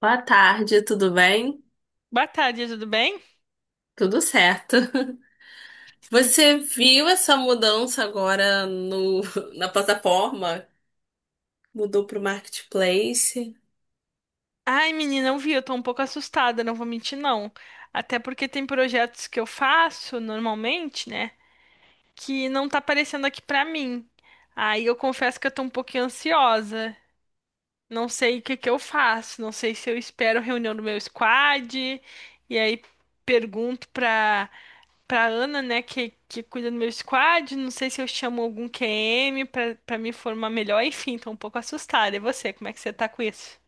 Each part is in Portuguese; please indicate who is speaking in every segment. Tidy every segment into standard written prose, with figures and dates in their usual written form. Speaker 1: Boa tarde, tudo bem?
Speaker 2: Boa tarde, tudo bem?
Speaker 1: Tudo certo.
Speaker 2: Hum.
Speaker 1: Você viu essa mudança agora no, na plataforma? Mudou para o Marketplace?
Speaker 2: Ai, menina, eu vi, eu tô um pouco assustada, não vou mentir, não. Até porque tem projetos que eu faço normalmente, né? Que não tá aparecendo aqui pra mim. Aí eu confesso que eu tô um pouquinho ansiosa. Não sei o que eu faço, não sei se eu espero a reunião do meu squad, e aí pergunto pra Ana, né, que cuida do meu squad, não sei se eu chamo algum QM pra me formar melhor, enfim, tô um pouco assustada. E você, como é que você tá com isso?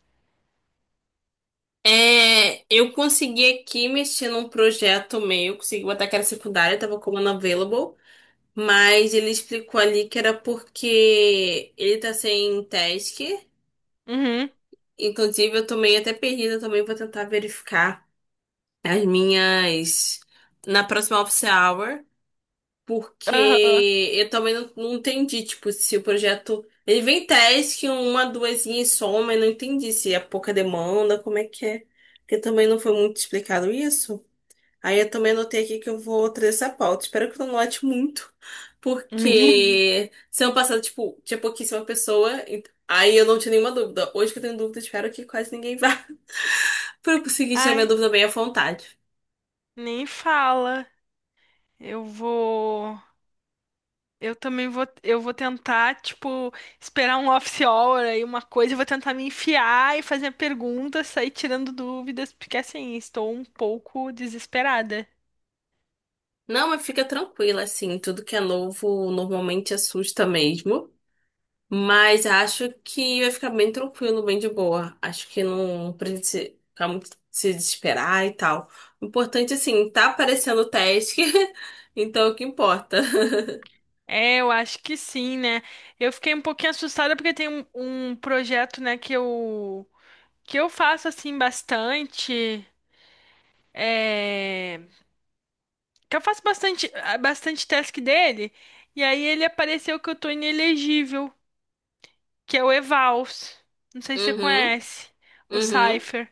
Speaker 1: É, eu consegui aqui mexer num projeto meu, consegui botar que era secundária, estava como unavailable, mas ele explicou ali que era porque ele tá sem task.
Speaker 2: Uhum.
Speaker 1: Inclusive, eu tô meio até perdida também, vou tentar verificar as minhas na próxima office hour. Porque
Speaker 2: Aham.
Speaker 1: eu também não entendi, tipo, se o projeto. Ele vem teste que uma, duas e soma, eu não entendi se é pouca demanda, como é que é. Porque também não foi muito explicado isso. Aí eu também anotei aqui que eu vou trazer essa pauta. Espero que eu não note muito, porque semana passada, tipo, tinha pouquíssima pessoa, aí eu não tinha nenhuma dúvida. Hoje que eu tenho dúvida, espero que quase ninguém vá. Pra eu conseguir tirar minha
Speaker 2: Ai,
Speaker 1: dúvida bem à vontade.
Speaker 2: nem fala. Eu vou. Eu também vou. Eu vou tentar, tipo, esperar um office hour aí, uma coisa. Eu vou tentar me enfiar e fazer perguntas, sair tirando dúvidas, porque assim, estou um pouco desesperada.
Speaker 1: Não, mas fica tranquila, assim, tudo que é novo normalmente assusta mesmo. Mas acho que vai ficar bem tranquilo, bem de boa. Acho que não precisa ficar muito se desesperar e tal. O importante, assim, tá aparecendo o teste, então é o que importa.
Speaker 2: É, eu acho que sim, né? Eu fiquei um pouquinho assustada porque tem um projeto, né, que eu faço assim bastante. É... Que eu faço bastante, bastante task dele. E aí ele apareceu que eu tô inelegível, que é o Evals. Não sei se você
Speaker 1: Uhum,
Speaker 2: conhece, o
Speaker 1: uhum,
Speaker 2: Cypher.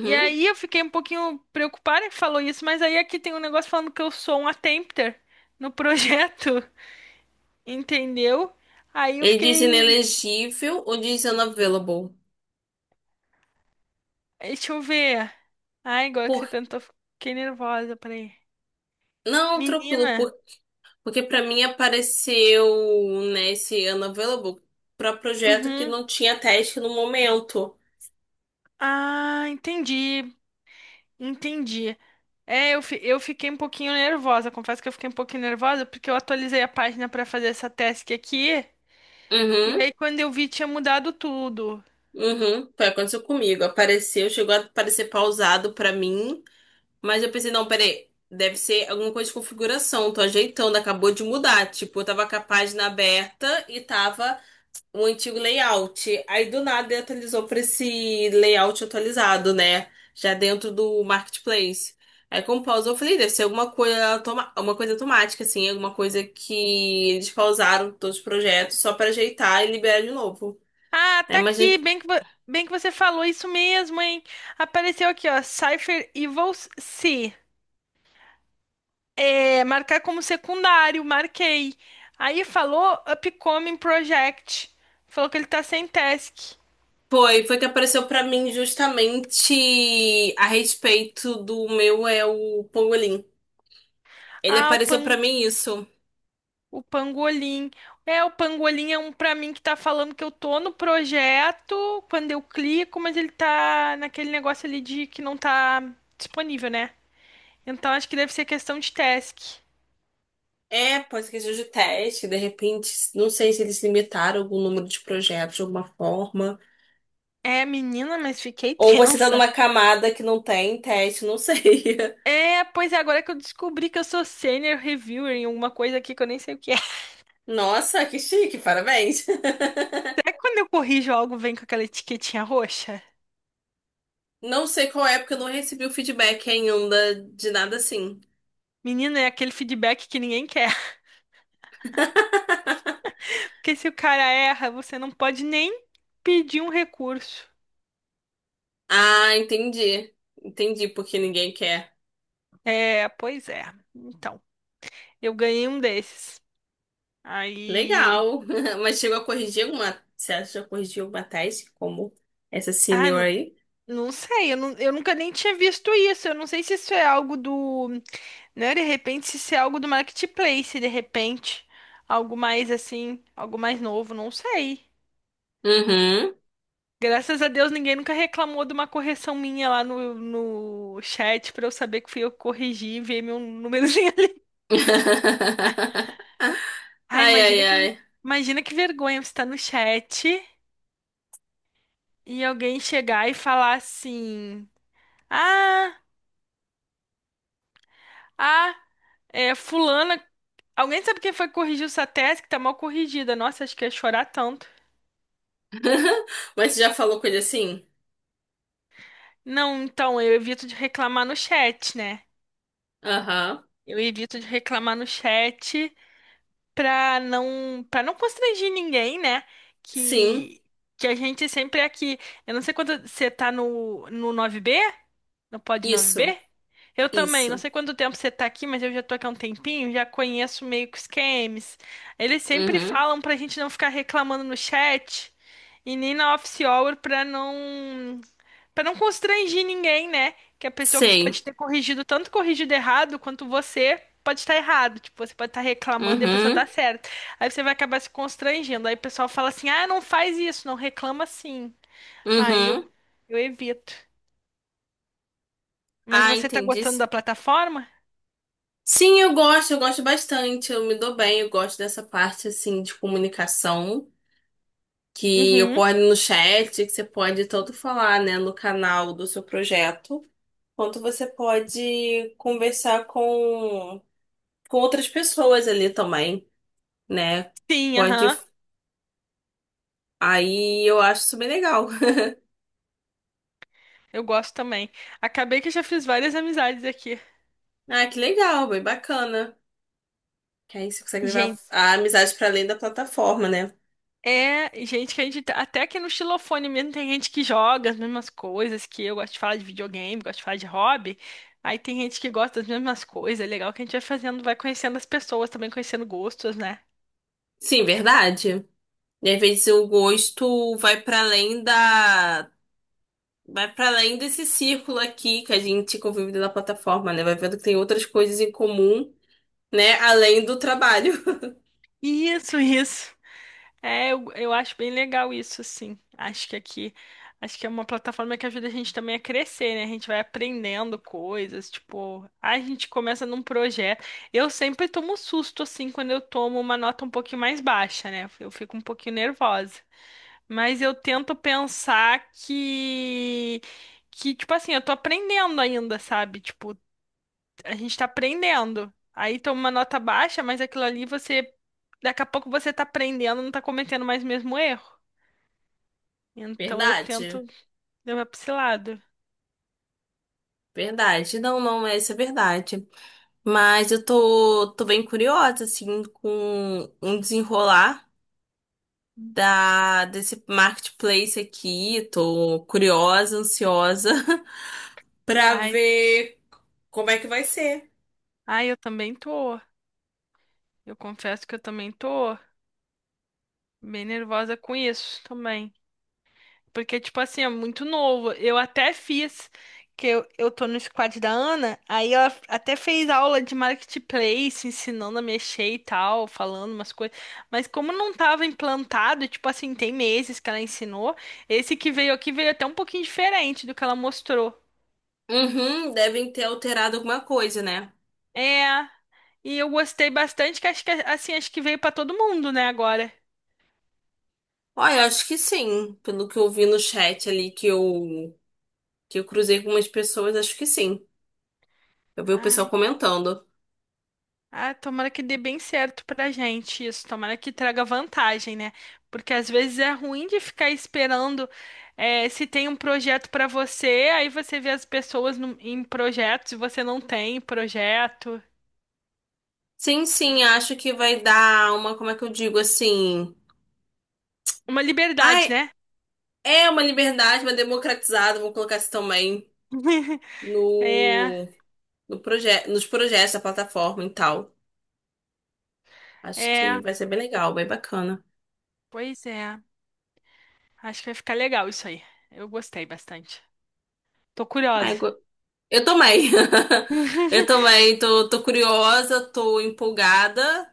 Speaker 2: E aí eu fiquei um pouquinho preocupada que falou isso, mas aí aqui tem um negócio falando que eu sou um attempter no projeto, entendeu? Aí eu
Speaker 1: Ele diz
Speaker 2: fiquei.
Speaker 1: inelegível ou diz unavailable?
Speaker 2: Deixa eu ver. Ai, agora que você
Speaker 1: Por...
Speaker 2: perguntou, fiquei nervosa, peraí.
Speaker 1: Não, tranquilo,
Speaker 2: Menina.
Speaker 1: porque pra mim apareceu, né, esse unavailable pra projeto que
Speaker 2: Uhum.
Speaker 1: não tinha teste no momento.
Speaker 2: Ah, entendi. Entendi. É, eu fiquei um pouquinho nervosa. Confesso que eu fiquei um pouquinho nervosa porque eu atualizei a página pra fazer essa task aqui. E
Speaker 1: Uhum,
Speaker 2: aí, quando eu vi, tinha mudado tudo.
Speaker 1: uhum. Foi, aconteceu comigo. Apareceu, chegou a aparecer pausado pra mim, mas eu pensei, não, peraí, deve ser alguma coisa de configuração, tô ajeitando, acabou de mudar. Tipo, eu tava com a página aberta e tava o antigo layout. Aí do nada ele atualizou para esse layout atualizado, né? Já dentro do marketplace. Aí com pausa eu falei, deve ser alguma coisa, uma coisa automática, assim, alguma coisa que eles pausaram todos os projetos só para ajeitar e liberar de novo.
Speaker 2: Ah,
Speaker 1: Aí,
Speaker 2: tá
Speaker 1: mas
Speaker 2: aqui. Bem que você falou isso mesmo, hein? Apareceu aqui, ó. Cypher Evils C. É, marcar como secundário. Marquei. Aí falou Upcoming Project. Falou que ele tá sem task.
Speaker 1: foi, foi que apareceu para mim justamente a respeito do meu é o Pangolin. Ele
Speaker 2: Ah, o
Speaker 1: apareceu para
Speaker 2: Pan.
Speaker 1: mim isso.
Speaker 2: O pangolim. É, o pangolim é um pra mim que tá falando que eu tô no projeto quando eu clico, mas ele tá naquele negócio ali de que não tá disponível, né? Então acho que deve ser questão de task.
Speaker 1: É, pode ser que seja de teste, de repente, não sei se eles limitaram algum número de projetos de alguma forma.
Speaker 2: É, menina, mas fiquei
Speaker 1: Ou você tá
Speaker 2: tensa.
Speaker 1: numa camada que não tem teste, não sei.
Speaker 2: É, pois é, agora que eu descobri que eu sou senior reviewer em alguma coisa aqui que eu nem sei o que é.
Speaker 1: Nossa, que chique, parabéns.
Speaker 2: Será que quando eu corrijo algo vem com aquela etiquetinha roxa?
Speaker 1: Não sei qual é, porque eu não recebi o feedback ainda de nada assim.
Speaker 2: Menina, é aquele feedback que ninguém quer. Porque se o cara erra, você não pode nem pedir um recurso.
Speaker 1: Ah, entendi. Entendi porque ninguém quer.
Speaker 2: É, pois é. Então, eu ganhei um desses. Aí.
Speaker 1: Legal. Mas chegou a corrigir alguma. Você acha que já corrigiu alguma tese, como essa
Speaker 2: Ah,
Speaker 1: senior
Speaker 2: não,
Speaker 1: aí?
Speaker 2: eu nunca nem tinha visto isso. Eu não sei se isso é algo do. Né, de repente, se isso é algo do Marketplace, de repente. Algo mais assim, algo mais novo, não sei.
Speaker 1: Uhum.
Speaker 2: Graças a Deus, ninguém nunca reclamou de uma correção minha lá no chat pra eu saber que fui eu que corrigi e ver meu númerozinho ali. Ai,
Speaker 1: Ai, ai,
Speaker 2: imagina que,
Speaker 1: ai.
Speaker 2: Imagina que vergonha, você tá no chat e alguém chegar e falar assim: Ah, ah, é, fulana. Alguém sabe quem foi que corrigiu essa tese que tá mal corrigida? Nossa, acho que ia chorar tanto.
Speaker 1: Mas você já falou com ele assim?
Speaker 2: Não, então, eu evito de reclamar no chat, né?
Speaker 1: Aham.
Speaker 2: Eu evito de reclamar no chat pra não constranger ninguém, né?
Speaker 1: Sim.
Speaker 2: Que, que a gente sempre é aqui. Eu não sei quando você tá no nove b. No Pod
Speaker 1: Isso.
Speaker 2: 9B? Eu também. Não
Speaker 1: Isso.
Speaker 2: sei quanto tempo você tá aqui, mas eu já tô aqui há um tempinho, já conheço meio que os games. Eles sempre
Speaker 1: Uhum.
Speaker 2: falam pra gente não ficar reclamando no chat e nem na office hour pra não para não constranger ninguém, né? Que a pessoa
Speaker 1: Sei.
Speaker 2: pode ter corrigido tanto corrigido errado quanto você pode estar errado. Tipo, você pode estar reclamando e a pessoa tá
Speaker 1: Uhum.
Speaker 2: certa. Aí você vai acabar se constrangendo. Aí o pessoal fala assim: "Ah, não faz isso, não reclama assim". Aí eu
Speaker 1: Uhum.
Speaker 2: eu evito. Mas
Speaker 1: Ah,
Speaker 2: você tá
Speaker 1: entendi.
Speaker 2: gostando da plataforma?
Speaker 1: Sim, eu gosto bastante. Eu me dou bem, eu gosto dessa parte assim de comunicação que
Speaker 2: Uhum.
Speaker 1: ocorre no chat, que você pode tanto falar, né, no canal do seu projeto, quanto você pode conversar com outras pessoas ali também, né?
Speaker 2: Sim,
Speaker 1: Pode.
Speaker 2: aham.
Speaker 1: Aí eu acho isso bem legal.
Speaker 2: Eu gosto também. Acabei que já fiz várias amizades aqui.
Speaker 1: Ah, que legal, bem bacana. Que aí você consegue levar
Speaker 2: Gente,
Speaker 1: a amizade para além da plataforma, né?
Speaker 2: é gente que a gente. Até aqui no xilofone mesmo tem gente que joga as mesmas coisas que eu. Gosto de falar de videogame, gosto de falar de hobby. Aí tem gente que gosta das mesmas coisas. É legal que a gente vai fazendo, vai conhecendo as pessoas, também conhecendo gostos, né?
Speaker 1: Sim, verdade. E às vezes o gosto vai para além da. Vai para além desse círculo aqui que a gente convive na plataforma, né? Vai vendo que tem outras coisas em comum, né? Além do trabalho.
Speaker 2: Isso, isso. É, eu acho bem legal isso, assim. Acho que aqui, acho que é uma plataforma que ajuda a gente também a crescer, né? A gente vai aprendendo coisas, tipo, a gente começa num projeto. Eu sempre tomo susto, assim, quando eu tomo uma nota um pouquinho mais baixa, né? Eu fico um pouquinho nervosa. Mas eu tento pensar tipo assim, eu tô aprendendo ainda, sabe? Tipo, a gente tá aprendendo. Aí toma uma nota baixa, mas aquilo ali você. Daqui a pouco você tá aprendendo, não tá cometendo mais o mesmo erro. Então eu tento
Speaker 1: Verdade.
Speaker 2: levar pra esse lado.
Speaker 1: Verdade. Não, não, essa é verdade. Mas eu tô, tô bem curiosa, assim, com um desenrolar. Da desse marketplace aqui. Tô curiosa, ansiosa pra
Speaker 2: Ai,
Speaker 1: ver como é que vai ser.
Speaker 2: eu também tô. Eu confesso que eu também tô bem nervosa com isso também. Porque, tipo assim, é muito novo. Eu até fiz, eu tô no squad da Ana, aí ela até fez aula de marketplace, ensinando a mexer e tal, falando umas coisas. Mas como não tava implantado, tipo assim, tem meses que ela ensinou, esse que veio aqui veio até um pouquinho diferente do que ela mostrou.
Speaker 1: Uhum, devem ter alterado alguma coisa, né?
Speaker 2: É, e eu gostei bastante, que acho que, assim, acho que veio pra todo mundo, né, agora.
Speaker 1: Olha, eu acho que sim. Pelo que eu vi no chat ali que eu cruzei com umas pessoas, acho que sim. Eu vi o pessoal
Speaker 2: Ai.
Speaker 1: comentando.
Speaker 2: Ah, tomara que dê bem certo pra gente isso, tomara que traga vantagem, né? Porque às vezes é ruim de ficar esperando se tem um projeto pra você, aí você vê as pessoas em projetos e você não tem projeto.
Speaker 1: Sim, sim, acho que vai dar uma, como é que eu digo assim?
Speaker 2: Uma liberdade,
Speaker 1: Ai,
Speaker 2: né?
Speaker 1: é uma liberdade, uma democratizada, vou colocar isso também
Speaker 2: É,
Speaker 1: no no proje nos projetos da plataforma e tal. Acho que
Speaker 2: é,
Speaker 1: vai ser bem legal, bem bacana.
Speaker 2: pois é. Acho que vai ficar legal isso aí. Eu gostei bastante. Tô curiosa.
Speaker 1: Ai, eu também. Eu também tô, tô curiosa, tô empolgada.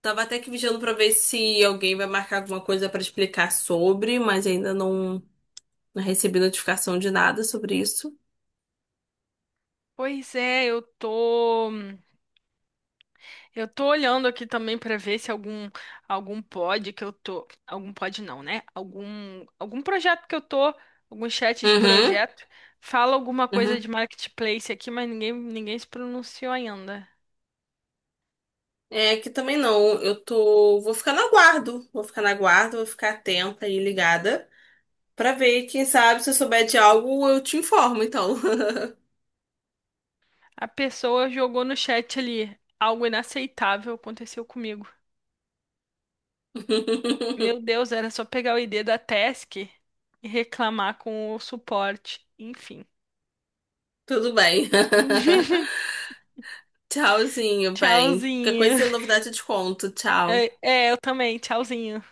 Speaker 1: Tava até que vigiando pra ver se alguém vai marcar alguma coisa pra explicar sobre, mas ainda não, não recebi notificação de nada sobre isso.
Speaker 2: Pois é, eu tô. Eu tô olhando aqui também pra ver se algum pod que eu tô, algum pod não, né? Algum projeto que eu tô, algum chat de
Speaker 1: Uhum,
Speaker 2: projeto fala alguma coisa
Speaker 1: uhum.
Speaker 2: de marketplace aqui, mas ninguém se pronunciou ainda.
Speaker 1: É que também não. Eu tô. Vou ficar no aguardo. Vou ficar na guarda, vou ficar atenta e ligada. Pra ver, quem sabe, se eu souber de algo, eu te informo, então.
Speaker 2: A pessoa jogou no chat ali algo inaceitável aconteceu comigo. Meu Deus, era só pegar o ID da task e reclamar com o suporte. Enfim.
Speaker 1: Tudo bem. Tchauzinho, bem. Qualquer
Speaker 2: Tchauzinho.
Speaker 1: coisa, novidade eu te conto. Tchau.
Speaker 2: É, é, eu também. Tchauzinho.